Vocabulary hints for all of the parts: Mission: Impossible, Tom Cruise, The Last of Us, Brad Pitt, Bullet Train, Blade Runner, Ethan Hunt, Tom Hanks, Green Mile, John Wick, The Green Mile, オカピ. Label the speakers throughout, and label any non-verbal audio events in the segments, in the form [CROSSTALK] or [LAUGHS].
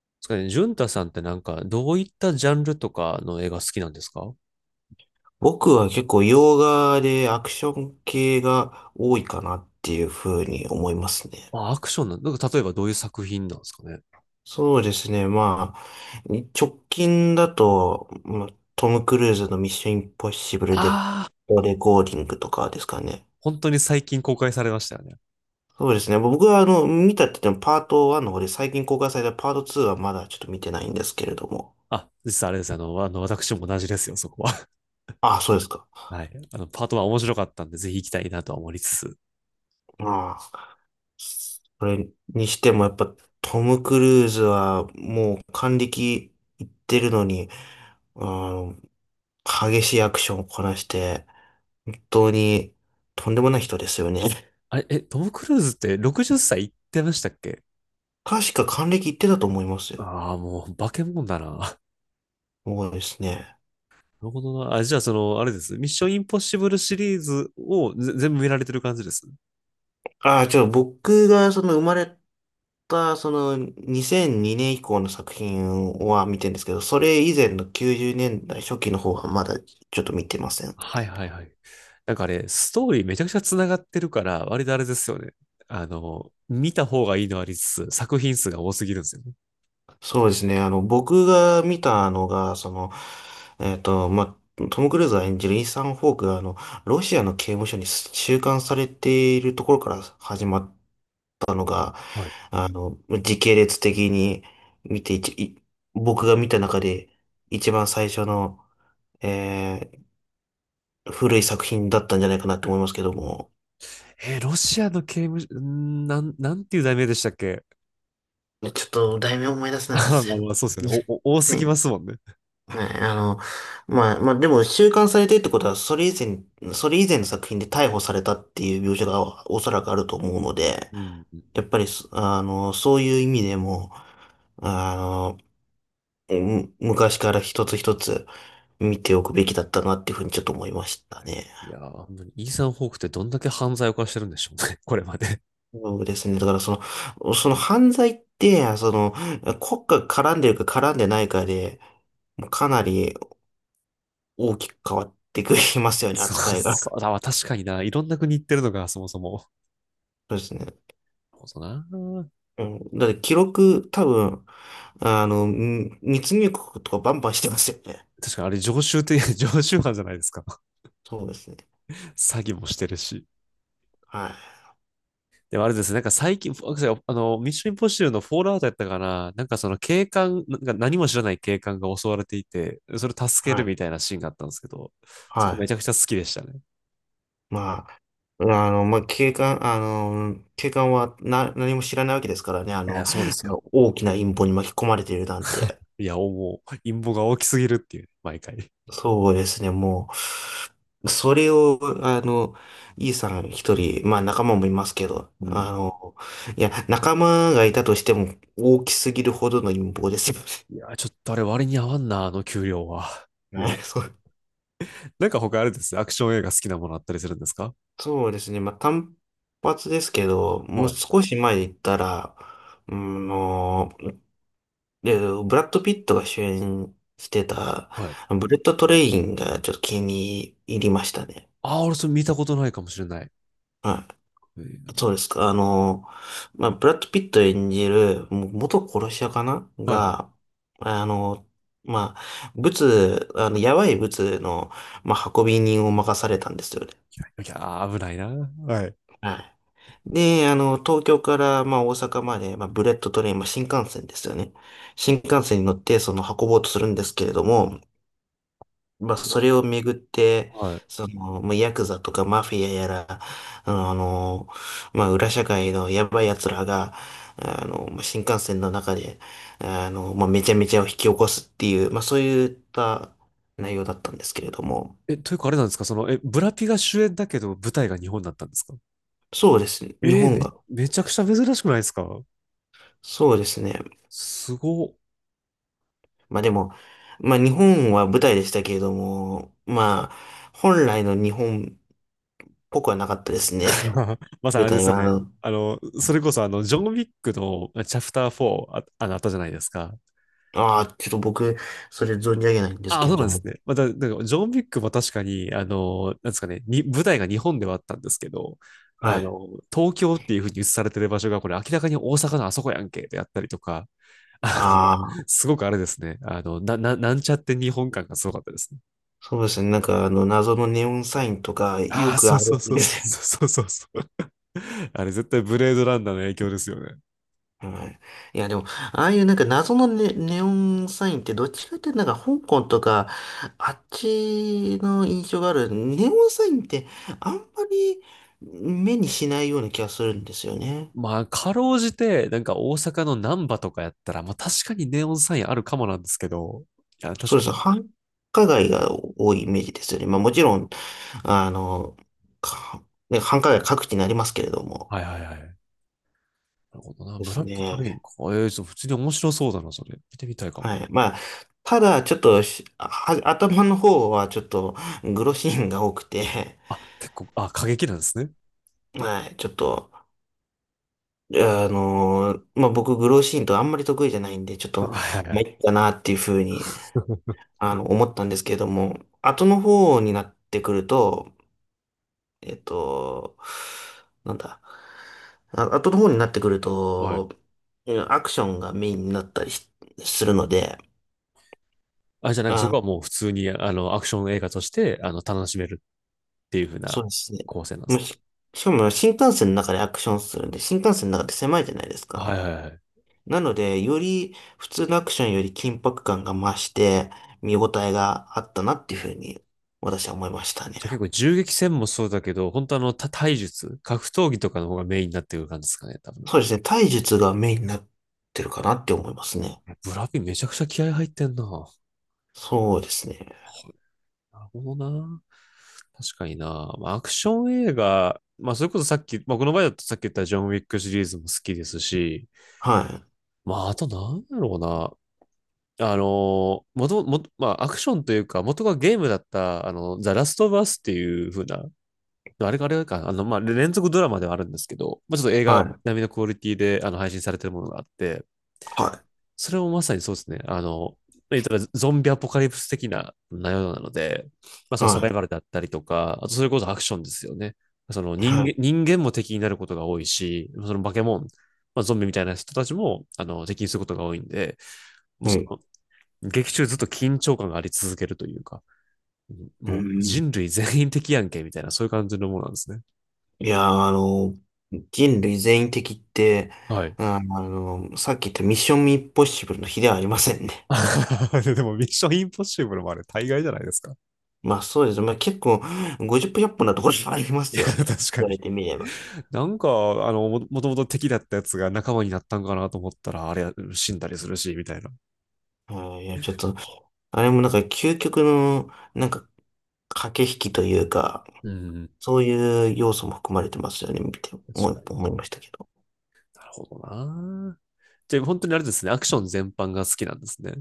Speaker 1: ですかね、ジュンタさんってどういったジャンルとかの映画好きなんですか？
Speaker 2: 僕は結構洋画でアクション系が多いかなっていうふうに思いますね。
Speaker 1: あ、アクションな、例えばどういう作品なんですかね。
Speaker 2: そうですね。直近だと、トム・クルーズのミッション・インポッシブルで、
Speaker 1: ああ、
Speaker 2: レコーディングとかですかね。
Speaker 1: 本当に最近公開されましたよね。
Speaker 2: そうですね。僕は見たって言ってもパート1の方で最近公開されたパート2はまだちょっと見てないんですけれども。
Speaker 1: あ、実はあれです。あの、私も同じですよ、そこは。
Speaker 2: ああ、そうですか。
Speaker 1: [LAUGHS] はい。パートは面白かったんで、ぜひ行きたいなとは思いつつ。
Speaker 2: ああ。それにしてもやっぱトム・クルーズはもう還暦いってるのに、あの、激しいアクションをこなして、本当にとんでもない人ですよね。
Speaker 1: あれ、え、トム・クルーズって60歳行ってましたっけ？
Speaker 2: 確か還暦いってたと思いますよ。
Speaker 1: ああー、もう、化け物だな。[LAUGHS] な
Speaker 2: そうですね。
Speaker 1: るほどな。あ、じゃあ、あれです。ミッション・インポッシブルシリーズを全部見られてる感じです。
Speaker 2: ああ、僕がその生まれたその2002年以降の作品は見てるんですけど、それ以前の90年代初期の方はまだちょっと見てません。
Speaker 1: はいはいはい。あれ、ストーリーめちゃくちゃ繋がってるから、割とあれですよね。見た方がいいのありつつ、作品数が多すぎるんですよね。
Speaker 2: そうですね。僕が見たのが、トム・クルーズが演じるイーサン・ホークが、ロシアの刑務所に収監されているところから始まったのが、
Speaker 1: はい。
Speaker 2: あの、時系列的に見ていち、一い僕が見た中で一番最初の、えー古い作品だったんじゃないかなと思いますけども。
Speaker 1: えーロシアの刑務所、なんていう題名でしたっけ？
Speaker 2: ちょっと、題名思い出
Speaker 1: [LAUGHS]
Speaker 2: せないんですよ。
Speaker 1: そうですよね。お多すぎますもんね。
Speaker 2: はい、でも、収監されてるってことは、それ以前の作品で逮捕されたっていう描写がおそらくあると思うので、
Speaker 1: うん。
Speaker 2: やっぱりそ、あの、そういう意味でも、あの、昔から一つ一つ見ておくべきだったなっていうふうにちょっと思いましたね。
Speaker 1: いやー、本当に、イーサン・ホークってどんだけ犯罪を犯してるんでしょうね。[LAUGHS] これまで。
Speaker 2: そうですね。だからその犯罪って、国家が絡んでるか絡んでないかで、かなり大きく変わってくれますよね、扱いが。
Speaker 1: そうだわ、確かにな。いろんな国行ってるのが、そもそも。
Speaker 2: そうですね。
Speaker 1: そうだな。
Speaker 2: うん、だって記録、多分、密入国とかバンバンしてますよね。
Speaker 1: 確かにあれ、常習って、[LAUGHS] 常習犯じゃないですか。
Speaker 2: そうですね。
Speaker 1: [LAUGHS] 詐欺もしてるし。
Speaker 2: はい。
Speaker 1: でもあれですね、なんか最近、ミッションインポッシブルのフォールアウトやったかな、その警官、なんか何も知らない警官が襲われていて、それを助け
Speaker 2: は
Speaker 1: る
Speaker 2: い。
Speaker 1: みたいなシーンがあったんですけど、そこ
Speaker 2: は
Speaker 1: めちゃくちゃ好きでしたね。
Speaker 2: い。警官は何も知らないわけですからね。あ
Speaker 1: いや、
Speaker 2: の、
Speaker 1: そうです
Speaker 2: あ
Speaker 1: よ。
Speaker 2: の大きな陰謀に巻き込まれているなんて。
Speaker 1: いや、もう、陰謀が大きすぎるっていう、毎回。
Speaker 2: そうですね。もう、それを、あの、イさん一人、まあ仲間もいますけど、
Speaker 1: うん。
Speaker 2: いや、仲間がいたとしても大きすぎるほどの陰謀ですよ
Speaker 1: いや、ちょっとあれ割に合わんな、あの給料は。
Speaker 2: ね。[LAUGHS] はい、
Speaker 1: も
Speaker 2: そう
Speaker 1: う、なんか他あれです。アクション映画好きなものあったりするんですか？
Speaker 2: そうですね。単発ですけど、も
Speaker 1: は
Speaker 2: う
Speaker 1: い。
Speaker 2: 少し前に行ったら、うん、もう、で、ブラッド・ピットが主演してた、
Speaker 1: はい。
Speaker 2: ブレット・トレインがちょっと気に入りましたね。
Speaker 1: ああ、俺それ見たことないかもしれない。
Speaker 2: は
Speaker 1: う
Speaker 2: い。
Speaker 1: ん
Speaker 2: そうですか。まあ、ブラッド・ピット演じる、もう元殺し屋かな
Speaker 1: はいはい。
Speaker 2: が、あの、まあ、ブツ、あの、やばいブツの、まあ、運び人を任されたんですよね。
Speaker 1: いやー、危ないな。はい。
Speaker 2: はい。で、東京から、まあ、大阪まで、まあ、ブレットトレイン、まあ、新幹線ですよね。新幹線に乗って、その、運ぼうとするんですけれども、まあ、それをめぐって、
Speaker 1: はい。
Speaker 2: その、まあ、ヤクザとかマフィアやら、裏社会のやばい奴らが、まあ新幹線の中で、まあ、めちゃめちゃを引き起こすっていう、まあ、そういった内容だったんですけれども、
Speaker 1: え、というかあれなんですかブラピが主演だけど舞台が日本だったんですか？
Speaker 2: そうですね。
Speaker 1: え
Speaker 2: 日
Speaker 1: ー
Speaker 2: 本
Speaker 1: め、
Speaker 2: が、
Speaker 1: めちゃ
Speaker 2: で
Speaker 1: くち
Speaker 2: す
Speaker 1: ゃ珍しくないですか？
Speaker 2: そうですね。
Speaker 1: すごっ。
Speaker 2: まあでも、まあ日本は舞台でしたけれども、まあ、本来の日本っぽくはなかったですね。
Speaker 1: [LAUGHS] ま
Speaker 2: [LAUGHS]
Speaker 1: さに
Speaker 2: 舞
Speaker 1: あれで
Speaker 2: 台
Speaker 1: すよね。
Speaker 2: は、あ
Speaker 1: それこそあの、ジョン・ウィックのチャプター4あったじゃないですか。
Speaker 2: あ、ちょっと僕、それ存じ上げないんです
Speaker 1: あ、
Speaker 2: け
Speaker 1: そ
Speaker 2: れ
Speaker 1: うなん
Speaker 2: ど
Speaker 1: です
Speaker 2: も。
Speaker 1: ね。また、なんからジョン・ウィックも確かに、あの、なんですかね、舞台が日本ではあったんですけど、あ
Speaker 2: はい。
Speaker 1: の、東京っていうふうに映されてる場所が、これ明らかに大阪のあそこやんけ、であったりとか、あの、
Speaker 2: ああ、
Speaker 1: すごくあれですね。なんちゃって日本感がすごかったですね。
Speaker 2: そうですね。なんか謎のネオンサインとか、
Speaker 1: あ
Speaker 2: よ
Speaker 1: あ、
Speaker 2: く
Speaker 1: そ
Speaker 2: あ
Speaker 1: うそう
Speaker 2: るん
Speaker 1: そう
Speaker 2: で
Speaker 1: そ
Speaker 2: すよ。
Speaker 1: うそうそうそうそう。[LAUGHS] あれ絶対ブレードランナーの影響ですよね。
Speaker 2: はい。いや、でも、ああいうなんか謎のネオンサインってどっちかっていうとなんか香港とか、あっちの印象があるネオンサインってあんまり目にしないような気がするんですよね。
Speaker 1: まあ、かろうじて、なんか大阪の難波とかやったら、まあ確かにネオンサインあるかもなんですけど、いや、確
Speaker 2: そうで
Speaker 1: か
Speaker 2: す。
Speaker 1: に。
Speaker 2: 繁華街が多いイメージですよね。
Speaker 1: う
Speaker 2: まあもち
Speaker 1: ん
Speaker 2: ろん、あの、か、ね、繁華街各地になりますけれども。
Speaker 1: はいはいはい。なるほどな。
Speaker 2: で
Speaker 1: ブラ
Speaker 2: す
Speaker 1: ックトレイン
Speaker 2: ね。
Speaker 1: か。ええー、ちょっと普通に面白そうだな、それ。見てみたいかも。
Speaker 2: はい。まあ、ただ、ちょっとし、は、頭の方はちょっと、グロシーンが多くて、
Speaker 1: あ、結構、あ、過激なんですね。
Speaker 2: はい、ちょっと、僕、グローシーンとあんまり得意じゃないんで、ちょっ
Speaker 1: [LAUGHS]
Speaker 2: と、
Speaker 1: はいはい
Speaker 2: まあ、
Speaker 1: はい。
Speaker 2: いっかなっていうふうに、
Speaker 1: [LAUGHS]
Speaker 2: 思ったんですけれども、後の方になってくると、えっと、なんだ、あ、後の方になってくる
Speaker 1: はい。
Speaker 2: と、うんアクションがメインになったりするので、
Speaker 1: あ、じゃあなんかそ
Speaker 2: あ、
Speaker 1: こはもう普通に、あの、アクション映画として、あの、楽しめるっていう風
Speaker 2: そ
Speaker 1: な
Speaker 2: うですね。
Speaker 1: 構成なんで
Speaker 2: もう
Speaker 1: すね。
Speaker 2: しかも新幹線の中でアクションするんで、新幹線の中で狭いじゃないです
Speaker 1: はい
Speaker 2: か。
Speaker 1: はいはい。
Speaker 2: なので、より普通のアクションより緊迫感が増して、見応えがあったなっていうふうに、私は思いましたね。
Speaker 1: じゃあ結構銃撃戦もそうだけど、本当あの、体術、格闘技とかの方がメインになってくる感じですかね、多分。
Speaker 2: そうですね。体術がメインになってるかなって思いますね。
Speaker 1: ブラピめちゃくちゃ気合入ってんな。
Speaker 2: そうですね。
Speaker 1: なるほどな。確かにな。まあ、アクション映画、まあ、それこそさっき、まあ、この場合だとさっき言ったジョン・ウィックシリーズも好きですし、
Speaker 2: はい。
Speaker 1: まあ、あとなんだろうな。あのもともと、まあ、アクションというか、元がゲームだった、あの、ザ・ラスト・バスっていう風なあれかあれか、あの、まあ、連続ドラマではあるんですけど、まあ、ちょっと映
Speaker 2: は
Speaker 1: 画
Speaker 2: い。
Speaker 1: 並みのクオリティであの配信されてるものがあって、
Speaker 2: はい。
Speaker 1: それもまさにそうですね、あの、言ったらゾンビアポカリプス的な内容なので、まあ、そのサ
Speaker 2: は
Speaker 1: バイ
Speaker 2: い。
Speaker 1: バルだったりとか、あとそれこそアクションですよね。その人
Speaker 2: は
Speaker 1: 間
Speaker 2: い。
Speaker 1: 人間も敵になることが多いし、その化け物、まあ、ゾンビみたいな人たちもあの敵にすることが多いんで、もう
Speaker 2: は
Speaker 1: そ
Speaker 2: い。
Speaker 1: の劇中ずっと緊張感があり続けるというか、
Speaker 2: う
Speaker 1: もう
Speaker 2: ん。
Speaker 1: 人類全員敵やんけみたいな、そういう感じのものなんですね。
Speaker 2: いやー、人類全員的って、
Speaker 1: はい。
Speaker 2: さっき言ったミッションインポッシブルの比ではありませんね。
Speaker 1: [LAUGHS] でも、ミッションインポッシブルもあれ、大概じゃないですか。
Speaker 2: まあそうですね。まあ結構、50分1っ0分なところもありま
Speaker 1: い
Speaker 2: す
Speaker 1: や、
Speaker 2: よ
Speaker 1: 確
Speaker 2: ね。
Speaker 1: か
Speaker 2: 言われ
Speaker 1: に。
Speaker 2: てみれば。
Speaker 1: なんか、あの、もともと敵だったやつが仲間になったんかなと思ったら、あれ、死んだりするし、みたいな。
Speaker 2: はい、いや、ちょっと、あれもなんか究極の、なんか、駆け引きというか、
Speaker 1: うん。
Speaker 2: そういう要素も含まれてますよね、見て
Speaker 1: 確
Speaker 2: 思
Speaker 1: か
Speaker 2: い、思
Speaker 1: に
Speaker 2: いましたけど。
Speaker 1: なるほどな。じゃあ、本当にあれですね、アクション全般が好きなんですね。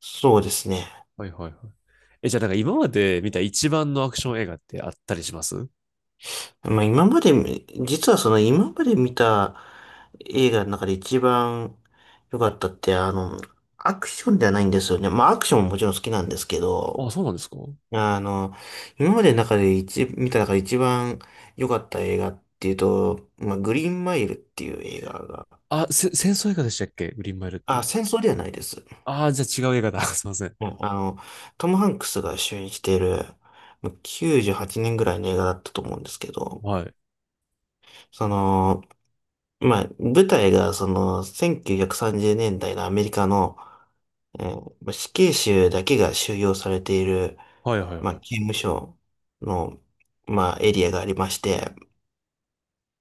Speaker 2: そうですね。
Speaker 1: はいはいはい。え、じゃあ、なんか今まで見た一番のアクション映画ってあったりします？
Speaker 2: まあ今まで、実はその今まで見た映画の中で一番良かったって、アクションではないんですよね。まあアクションももちろん好きなんですけど、
Speaker 1: あ、そうなんですか？
Speaker 2: あの、今までの中で一、見た中で一番良かった映画っていうと、まあグリーンマイルっていう映画が、
Speaker 1: 戦争映画でしたっけグリーンマイルって。
Speaker 2: あ、戦争ではないです。
Speaker 1: ああ、じゃあ違う映画だ。[LAUGHS] すいません。
Speaker 2: うんトム・ハンクスが主演している、ま98年ぐらいの映画だったと思うんですけど、
Speaker 1: はい。
Speaker 2: その、まあ、舞台がその1930年代のアメリカの、死刑囚だけが収容されている、
Speaker 1: はいはい
Speaker 2: まあ、
Speaker 1: はい。
Speaker 2: 刑務所の、まあ、エリアがありまして、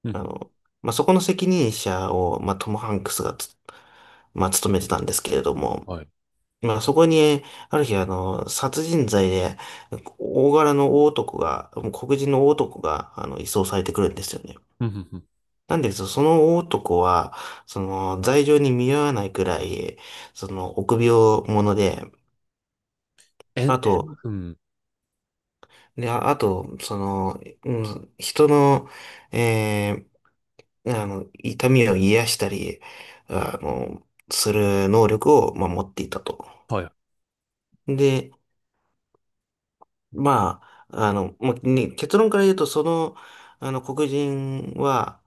Speaker 1: うん
Speaker 2: あ
Speaker 1: う
Speaker 2: の、まあ、そこの責任者を、まあ、トム・ハンクスがまあ、務めてたんですけれども、
Speaker 1: んはい。
Speaker 2: まあそこに、ある日殺人罪で、大柄の大男が、黒人の大男が、移送されてくるんですよね。
Speaker 1: うんうんうん
Speaker 2: なんですけど、その大男は、その、罪状に見合わないくらい、その、臆病者で、
Speaker 1: え
Speaker 2: あ
Speaker 1: ん、えん、
Speaker 2: と、
Speaker 1: うん。
Speaker 2: で、ああと、その、うん、人の、え痛みを癒したり、する能力を、まあ、持っていたと。
Speaker 1: はい。
Speaker 2: で、まあ、まあね、結論から言うと、その、黒人は、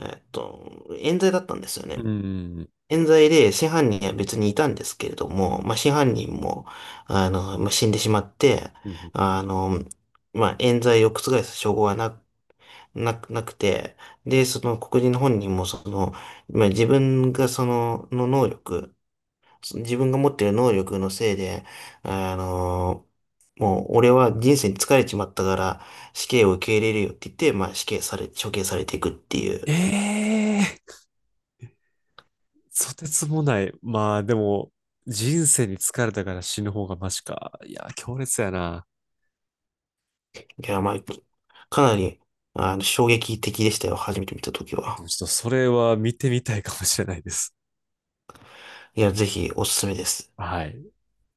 Speaker 2: 冤罪だったんですよ
Speaker 1: う
Speaker 2: ね。
Speaker 1: ん。
Speaker 2: 冤罪で、真犯人は別にいたんですけれども、まあ、真犯人も、まあ、死んでしまって、
Speaker 1: うん
Speaker 2: あの、まあ、冤罪を覆す証拠はなくて、で、その黒人本人も、その、まあ、自分が持ってる能力のせいで、あの、もう俺は人生に疲れちまったから死刑を受け入れるよって言って、まあ死刑され、処刑されていくってい
Speaker 1: え
Speaker 2: う。
Speaker 1: えーとてつもない。まあでも、人生に疲れたから死ぬ方がマシか。いや、強烈やな。
Speaker 2: いや、まあ、かなり、衝撃的でしたよ。初めて見たとき
Speaker 1: で
Speaker 2: は。
Speaker 1: もちょっとそれは見てみたいかもしれないです。
Speaker 2: いや、ぜひおすすめです。
Speaker 1: はい。